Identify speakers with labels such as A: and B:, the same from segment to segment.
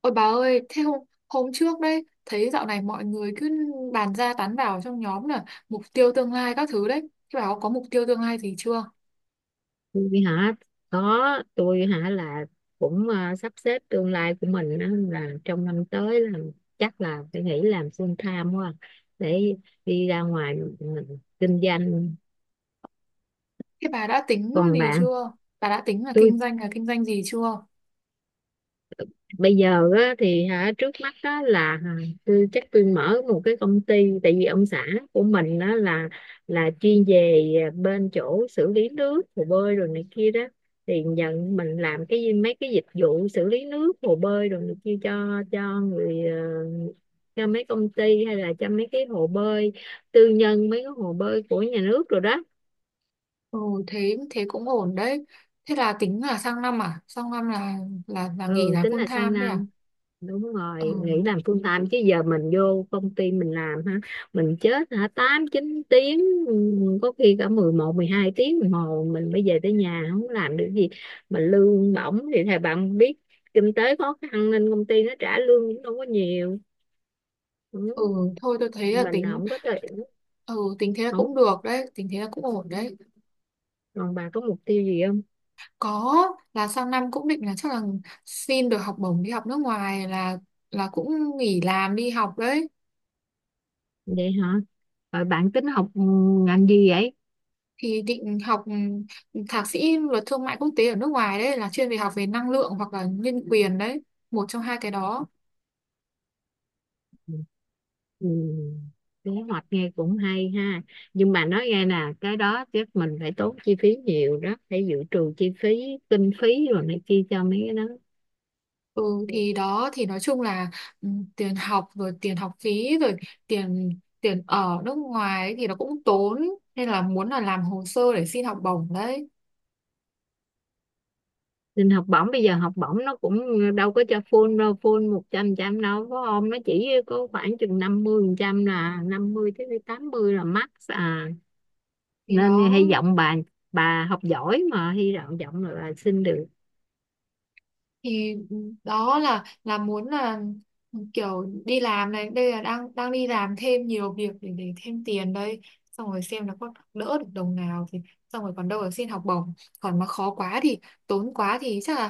A: Ôi bà ơi, thế hôm trước đấy, thấy dạo này mọi người cứ bàn ra tán vào trong nhóm là mục tiêu tương lai các thứ đấy. Thế bà có mục tiêu tương lai gì chưa?
B: Tôi hả? Có. Tôi hả là cũng sắp xếp tương lai của mình á, là trong năm tới là chắc là phải nghĩ làm full time quá, để đi ra ngoài mình kinh doanh.
A: Thế bà đã tính
B: Còn
A: gì
B: bạn?
A: chưa? Bà đã tính là
B: Tôi
A: kinh doanh gì chưa?
B: bây giờ á, thì hả trước mắt á, là hả, tôi chắc tôi mở một cái công ty. Tại vì ông xã của mình á, là chuyên về, bên chỗ xử lý nước hồ bơi rồi này kia đó, thì nhận mình làm cái mấy cái dịch vụ xử lý nước hồ bơi rồi này kia cho người, cho mấy công ty hay là cho mấy cái hồ bơi tư nhân, mấy cái hồ bơi của nhà nước rồi đó.
A: Ừ, thế thế cũng ổn đấy. Thế là tính là sang năm à? Sang năm là nghỉ
B: Ừ,
A: là
B: tính
A: full
B: là sang
A: time đấy à?
B: năm, đúng
A: Ừ,
B: rồi, nghỉ làm full time chứ giờ mình vô công ty mình làm ha, mình chết hả, 8, 9 tiếng, ừ, có khi cả 11, 12 tiếng đồng hồ mình mới về tới nhà không làm được gì, mà lương bổng thì thầy bạn biết, kinh tế khó khăn nên công ty nó trả lương cũng đâu có nhiều. Ừ.
A: ừ thôi tôi thấy là
B: Mình
A: tính
B: không có thể.
A: ừ tính thế là
B: Không.
A: cũng được đấy, tính thế là cũng ổn đấy.
B: Còn bà có mục tiêu gì không?
A: Có, là sang năm cũng định là chắc là xin được học bổng đi học nước ngoài là cũng nghỉ làm đi học đấy.
B: Vậy hả? Rồi bạn tính học, ngành gì vậy?
A: Thì định học thạc sĩ luật thương mại quốc tế ở nước ngoài đấy, là chuyên về học về năng lượng hoặc là nhân quyền đấy, một trong hai cái đó.
B: Ừ. Kế hoạch nghe cũng hay ha, nhưng mà nói nghe nè, cái đó chắc mình phải tốn chi phí nhiều đó, phải dự trù chi phí, kinh phí rồi này kia cho mấy cái đó.
A: Ừ thì đó thì nói chung là ừ, tiền học rồi tiền học phí rồi tiền tiền ở nước ngoài ấy thì nó cũng tốn, nên là muốn là làm hồ sơ để xin học bổng đấy.
B: Nên học bổng, bây giờ học bổng nó cũng đâu có cho full đâu, full một trăm trăm đâu có không, nó chỉ có khoảng chừng 50%, là 50 tới 80 là max à.
A: Thì
B: Nên
A: đó
B: hy vọng bà học giỏi mà hy vọng vọng là bà xin được.
A: thì đó là muốn là kiểu đi làm này đây, là đang đang đi làm thêm nhiều việc để thêm tiền đây, xong rồi xem là có đỡ được đồng nào thì xong rồi còn đâu là xin học bổng, còn mà khó quá thì tốn quá thì chắc là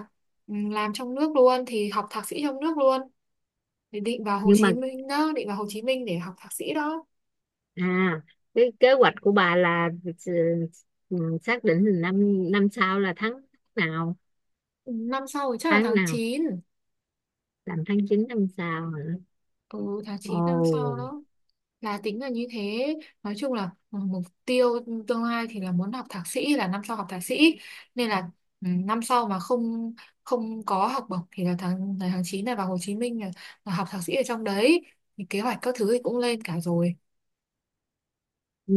A: làm trong nước luôn thì học thạc sĩ trong nước luôn, thì định vào Hồ
B: Nhưng mà,
A: Chí Minh đó, định vào Hồ Chí Minh để học thạc sĩ đó.
B: À, cái kế hoạch của bà là ừ, xác định là năm năm sau là nào,
A: Ừ, năm sau thì chắc là
B: tháng
A: tháng
B: nào,
A: chín,
B: làm tháng 9 năm sau hả?
A: ừ tháng chín năm sau
B: Ồ.
A: đó, là tính là như thế. Nói chung là mục tiêu tương lai thì là muốn học thạc sĩ, là năm sau học thạc sĩ, nên là năm sau mà không không có học bổng thì là tháng 9 này vào Hồ Chí Minh là học thạc sĩ ở trong đấy, thì kế hoạch các thứ thì cũng lên cả rồi.
B: Ừ.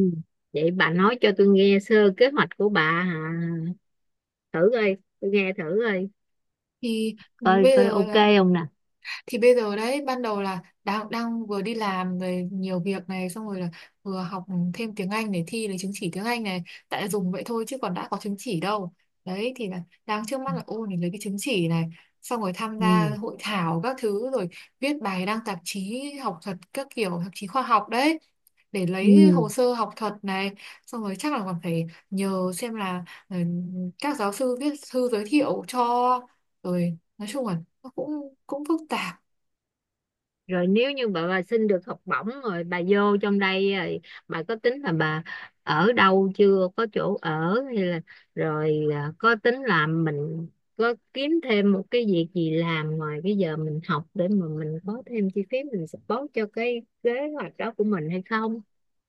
B: Vậy bà nói cho tôi nghe sơ kế hoạch của bà hả? Thử coi, tôi nghe thử coi,
A: Thì ừ,
B: coi
A: bây
B: coi
A: giờ
B: ok
A: là
B: không nè.
A: thì bây giờ đấy, ban đầu là đang đang vừa đi làm rồi nhiều việc này, xong rồi là vừa học thêm tiếng Anh để thi lấy chứng chỉ tiếng Anh này, tại là dùng vậy thôi chứ còn đã có chứng chỉ đâu. Đấy thì là đang trước mắt là ôn để lấy cái chứng chỉ này, xong rồi tham gia
B: Ừ.
A: hội thảo các thứ, rồi viết bài đăng tạp chí học thuật các kiểu tạp chí khoa học đấy, để lấy
B: Ừ.
A: hồ sơ học thuật này. Xong rồi chắc là còn phải nhờ xem là các giáo sư viết thư giới thiệu cho, rồi nói chung là nó cũng cũng phức tạp.
B: Rồi nếu như bà xin được học bổng rồi bà vô trong đây rồi, bà có tính là bà ở đâu chưa, có chỗ ở hay là rồi, có tính làm mình có kiếm thêm một cái việc gì làm ngoài cái giờ mình học để mà mình có thêm chi phí mình support cho cái kế hoạch đó của mình hay không?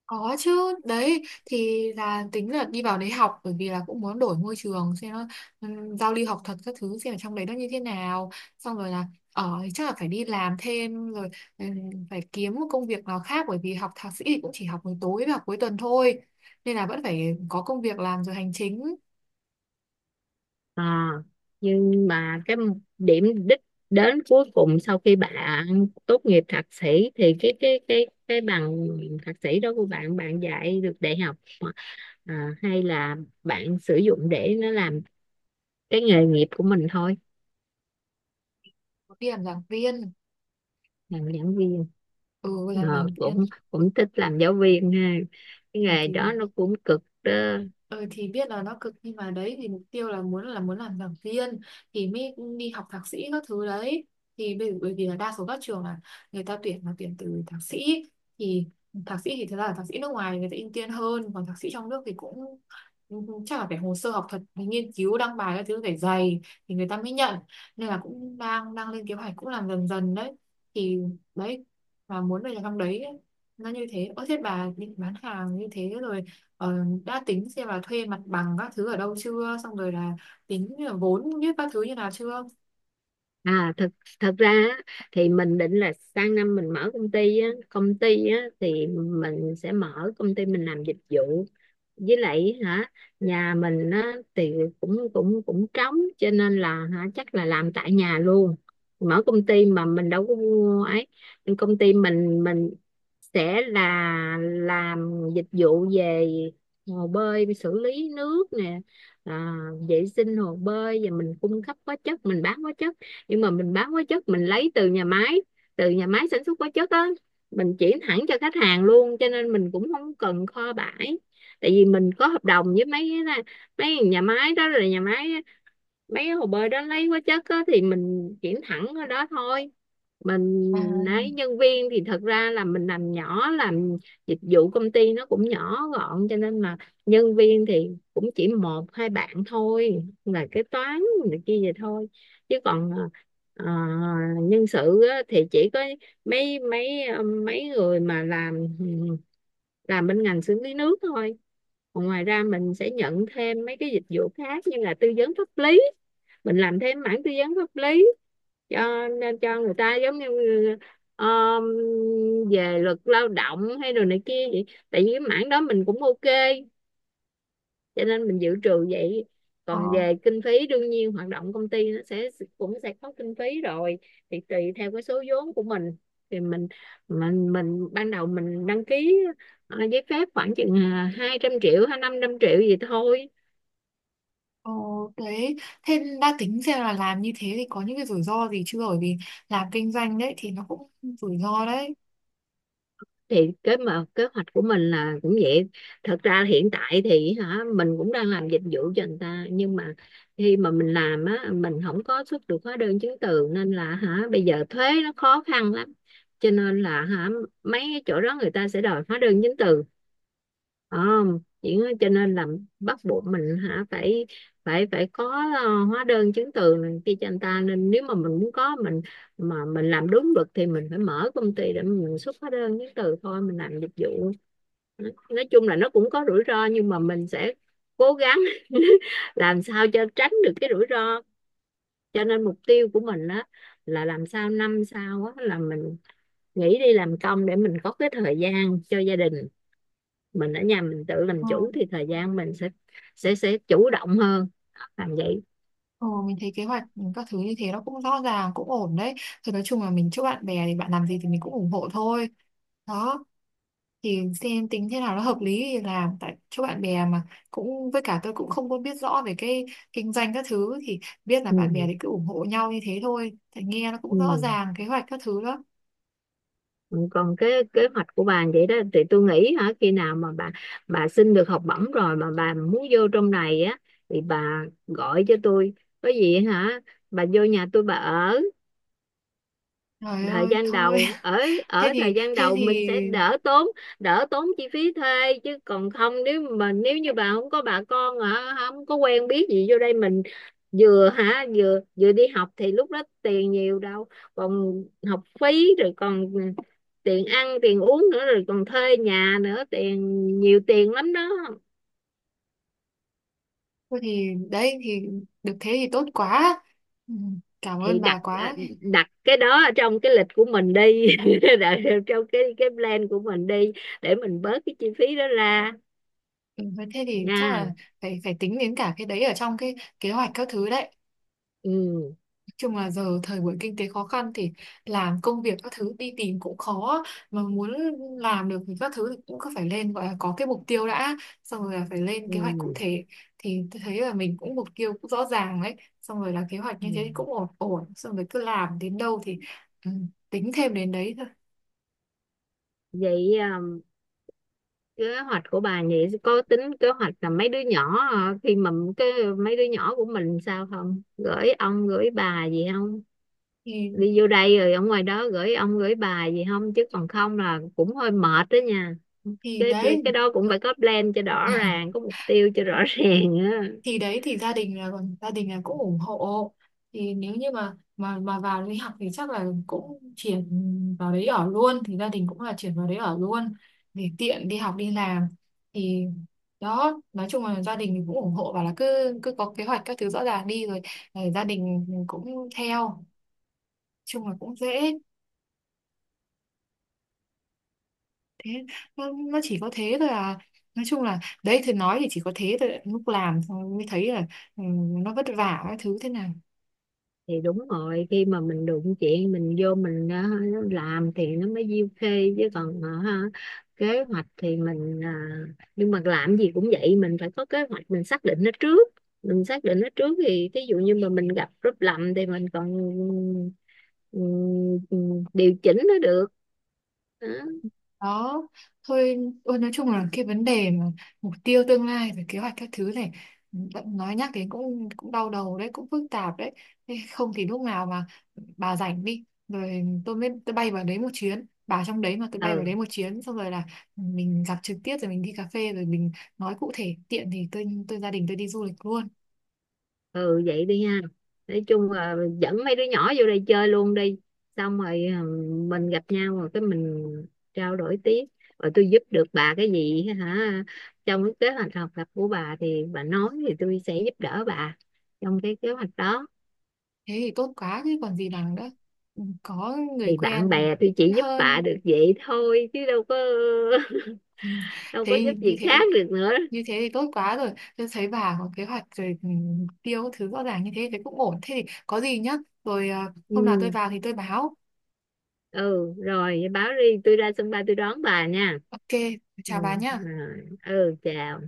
A: Có chứ, đấy thì là tính là đi vào đấy học, bởi vì là cũng muốn đổi môi trường xem nó, giao lưu học thuật các thứ xem ở trong đấy nó như thế nào. Xong rồi là ở thì chắc là phải đi làm thêm rồi, phải kiếm một công việc nào khác, bởi vì học thạc sĩ thì cũng chỉ học buổi tối và học cuối tuần thôi. Nên là vẫn phải có công việc làm rồi hành chính,
B: à, nhưng mà cái điểm đích đến cuối cùng sau khi bạn tốt nghiệp thạc sĩ thì cái bằng thạc sĩ đó của bạn, bạn dạy được đại học, hay là bạn sử dụng để nó làm cái nghề nghiệp của mình thôi?
A: đi làm giảng viên,
B: Làm giảng viên.
A: ừ làm
B: Ờ,
A: giảng viên.
B: cũng cũng thích làm giáo viên ha, cái
A: ừ,
B: nghề
A: thì
B: đó nó cũng cực đó.
A: Ừ, thì biết là nó cực, nhưng mà đấy thì mục tiêu là muốn làm giảng viên thì mới đi học thạc sĩ các thứ đấy, thì bởi vì là đa số các trường là người ta tuyển là tuyển từ thạc sĩ. Thì thạc sĩ thì thật ra là thạc sĩ nước ngoài người ta ưu tiên hơn, còn thạc sĩ trong nước thì cũng cũng chắc là phải hồ sơ học thuật phải nghiên cứu đăng bài các thứ phải dày thì người ta mới nhận, nên là cũng đang đang lên kế hoạch cũng làm dần dần đấy, thì đấy, và muốn về làm trong đấy, nó như thế. Ơ thế bà định bán hàng như thế rồi, ờ, đã tính xem là thuê mặt bằng các thứ ở đâu chưa, xong rồi là tính là vốn như các thứ như nào chưa?
B: Thật thật ra á, thì mình định là sang năm mình mở công ty á, thì mình sẽ mở công ty mình làm dịch vụ. Với lại hả, nhà mình á thì cũng cũng cũng trống cho nên là hả chắc là làm tại nhà luôn, mở công ty mà mình đâu có mua ấy. Nhưng công ty mình, sẽ là làm dịch vụ về hồ bơi xử lý nước nè, à, vệ sinh hồ bơi, và mình cung cấp hóa chất, mình bán hóa chất. Nhưng mà mình bán hóa chất mình lấy từ nhà máy sản xuất hóa chất á, mình chuyển thẳng cho khách hàng luôn cho nên mình cũng không cần kho bãi. Tại vì mình có hợp đồng với mấy cái, mấy nhà máy đó, là nhà máy mấy cái hồ bơi đó lấy hóa chất á, thì mình chuyển thẳng ở đó thôi. Mình
A: À,
B: ấy nhân viên thì thật ra là mình làm nhỏ, làm dịch vụ, công ty nó cũng nhỏ gọn cho nên là nhân viên thì cũng chỉ một hai bạn thôi, là kế toán này kia vậy thôi. Chứ còn ờ, nhân sự á, thì chỉ có mấy mấy ờ, mấy người mà làm bên ngành xử lý nước thôi. Còn ngoài ra mình sẽ nhận thêm mấy cái dịch vụ khác, như là tư vấn pháp lý. Mình làm thêm mảng tư vấn pháp lý, cho nên cho người ta giống như, ờ, về luật lao động hay đồ này kia vậy, tại vì cái mảng đó mình cũng ok, cho nên mình dự trù vậy.
A: ờ,
B: Còn về kinh phí, đương nhiên hoạt động công ty nó sẽ sẽ có kinh phí rồi. Thì tùy theo cái số vốn của mình, thì mình ban đầu mình đăng ký, giấy phép khoảng chừng, 200 triệu hay 500 triệu gì thôi.
A: ờ, đấy thế đã tính xem là làm như thế thì có những cái rủi ro gì chưa, bởi vì làm kinh doanh đấy thì nó cũng rủi ro đấy.
B: Thì cái mà kế hoạch của mình là cũng vậy. Thật ra hiện tại thì hả mình cũng đang làm dịch vụ cho người ta, nhưng mà khi mà mình làm á, mình không có xuất được hóa đơn chứng từ nên là hả bây giờ thuế nó khó khăn lắm, cho nên là hả mấy cái chỗ đó người ta sẽ đòi hóa đơn chứng từ không chỉ, cho nên là bắt buộc mình hả phải phải phải có, hóa đơn chứng từ này kia cho anh ta. Nên nếu mà mình muốn có mà mình làm đúng luật thì mình phải mở công ty để mình xuất hóa đơn chứng từ thôi, mình làm dịch vụ. Nói chung là nó cũng có rủi ro, nhưng mà mình sẽ cố gắng làm sao cho tránh được cái rủi ro. Cho nên mục tiêu của mình á là làm sao năm sau á là mình nghỉ đi làm công để mình có cái thời gian cho gia đình. Mình ở nhà mình tự làm
A: Ờ.
B: chủ thì thời gian mình sẽ chủ động hơn, làm vậy.
A: Ừ, mình thấy kế hoạch các thứ như thế nó cũng rõ ràng cũng ổn đấy, thì nói chung là mình chúc bạn bè thì bạn làm gì thì mình cũng ủng hộ thôi đó, thì xem tính thế nào nó hợp lý thì làm, tại chỗ bạn bè mà. Cũng với cả tôi cũng không có biết rõ về cái kinh doanh các thứ, thì biết là bạn bè
B: Ừ.
A: thì cứ ủng hộ nhau như thế thôi, tại nghe nó cũng rõ
B: Ừ.
A: ràng kế hoạch các thứ đó.
B: Ừ, còn cái kế hoạch của bà vậy đó thì tôi nghĩ hả khi nào mà bà xin được học bổng rồi mà bà muốn vô trong này á thì bà gọi cho tôi. Có gì hả bà vô nhà tôi bà ở
A: Trời
B: thời
A: ơi
B: gian
A: thôi!
B: đầu, ở ở
A: thế
B: thời
A: thì
B: gian
A: thế
B: đầu
A: thì
B: mình sẽ đỡ tốn, chi phí thuê. Chứ còn không nếu nếu như bà không có bà con hả không có quen biết gì vô đây, mình vừa hả vừa vừa đi học thì lúc đó tiền nhiều đâu, còn học phí rồi còn tiền ăn tiền uống nữa rồi còn thuê nhà nữa, tiền nhiều tiền lắm đó.
A: thôi thì đấy thì được thế thì tốt quá, ừ, cảm
B: Thì
A: ơn bà
B: đặt, à,
A: quá.
B: đặt cái đó ở trong cái lịch của mình đi. Đặt trong cái plan của mình đi, để mình bớt cái chi phí đó ra
A: ừ, Thế thì chắc là
B: nha.
A: phải phải tính đến cả cái đấy ở trong cái kế hoạch các thứ đấy.
B: Ừ,
A: Chung là giờ thời buổi kinh tế khó khăn thì làm công việc các thứ đi tìm cũng khó, mà muốn làm được thì các thứ thì cũng cứ phải lên, gọi là có cái mục tiêu đã, xong rồi là phải lên
B: ừ,
A: kế hoạch cụ thể, thì tôi thấy là mình cũng mục tiêu cũng rõ ràng đấy, xong rồi là kế hoạch
B: ừ.
A: như thế thì cũng ổn ổn, xong rồi cứ làm đến đâu thì ừ, tính thêm đến đấy thôi.
B: Vậy, kế hoạch của bà vậy có tính kế hoạch là mấy đứa nhỏ, khi mà cái mấy đứa nhỏ của mình sao không gửi ông gửi bà gì không,
A: thì
B: đi vô đây rồi ở ngoài đó gửi ông gửi bà gì không, chứ còn không là cũng hơi mệt đó nha.
A: thì
B: cái
A: đấy,
B: cái đó cũng phải có plan cho rõ ràng, có mục tiêu cho rõ ràng á.
A: thì đấy thì gia đình là cũng ủng hộ, thì nếu như mà vào đi học thì chắc là cũng chuyển vào đấy ở luôn, thì gia đình cũng là chuyển vào đấy ở luôn để tiện đi học đi làm. Thì đó nói chung là gia đình thì cũng ủng hộ, và là cứ cứ có kế hoạch các thứ rõ ràng đi rồi gia đình cũng theo, chung là cũng dễ. Thế nó, nó chỉ có thế thôi à, nói chung là đấy, thì nói thì chỉ có thế thôi, lúc làm xong mới thấy là ừ, nó vất vả các thứ thế nào
B: Thì đúng rồi, khi mà mình đụng chuyện mình vô mình, làm thì nó mới diêu khê, chứ còn kế hoạch thì mình, nhưng mà làm gì cũng vậy mình phải có kế hoạch, mình xác định nó trước. Mình xác định nó trước thì thí dụ như mà mình gặp rút lầm thì mình còn ừ, ừ, điều chỉnh nó được. Đó.
A: đó thôi. Ôi nói chung là cái vấn đề mà mục tiêu tương lai rồi kế hoạch các thứ này bạn nói nhắc đến cũng cũng đau đầu đấy, cũng phức tạp đấy. Thế không thì lúc nào mà bà rảnh đi rồi tôi bay vào đấy một chuyến, bà trong đấy mà tôi bay vào đấy
B: Ừ,
A: một chuyến, xong rồi là mình gặp trực tiếp rồi mình đi cà phê rồi mình nói cụ thể, tiện thì tôi gia đình tôi đi du lịch luôn.
B: ừ, vậy đi ha, nói chung là dẫn mấy đứa nhỏ vô đây chơi luôn đi, xong rồi, mình gặp nhau rồi cái mình trao đổi tiếp. Rồi tôi giúp được bà cái gì hả trong cái kế hoạch học tập của bà thì bà nói, thì tôi sẽ giúp đỡ bà trong cái kế hoạch đó.
A: Thế thì tốt quá chứ còn gì bằng nữa. Ừ, có người
B: Thì bạn
A: quen
B: bè
A: thì
B: tôi
A: vẫn
B: chỉ giúp bà
A: hơn.
B: được vậy thôi chứ đâu có,
A: Ừ.
B: đâu có giúp
A: thế như
B: gì khác
A: thế
B: được nữa.
A: như thế thì tốt quá rồi, tôi thấy bà có kế hoạch rồi, ừ, mục tiêu các thứ rõ ràng như thế thì cũng ổn, thế thì có gì nhá, rồi hôm nào tôi
B: Ừ,
A: vào thì tôi báo.
B: ừ, rồi báo đi tôi ra sân bay tôi đón bà nha.
A: OK,
B: Ừ,
A: chào bà nhá.
B: rồi. Ừ, chào.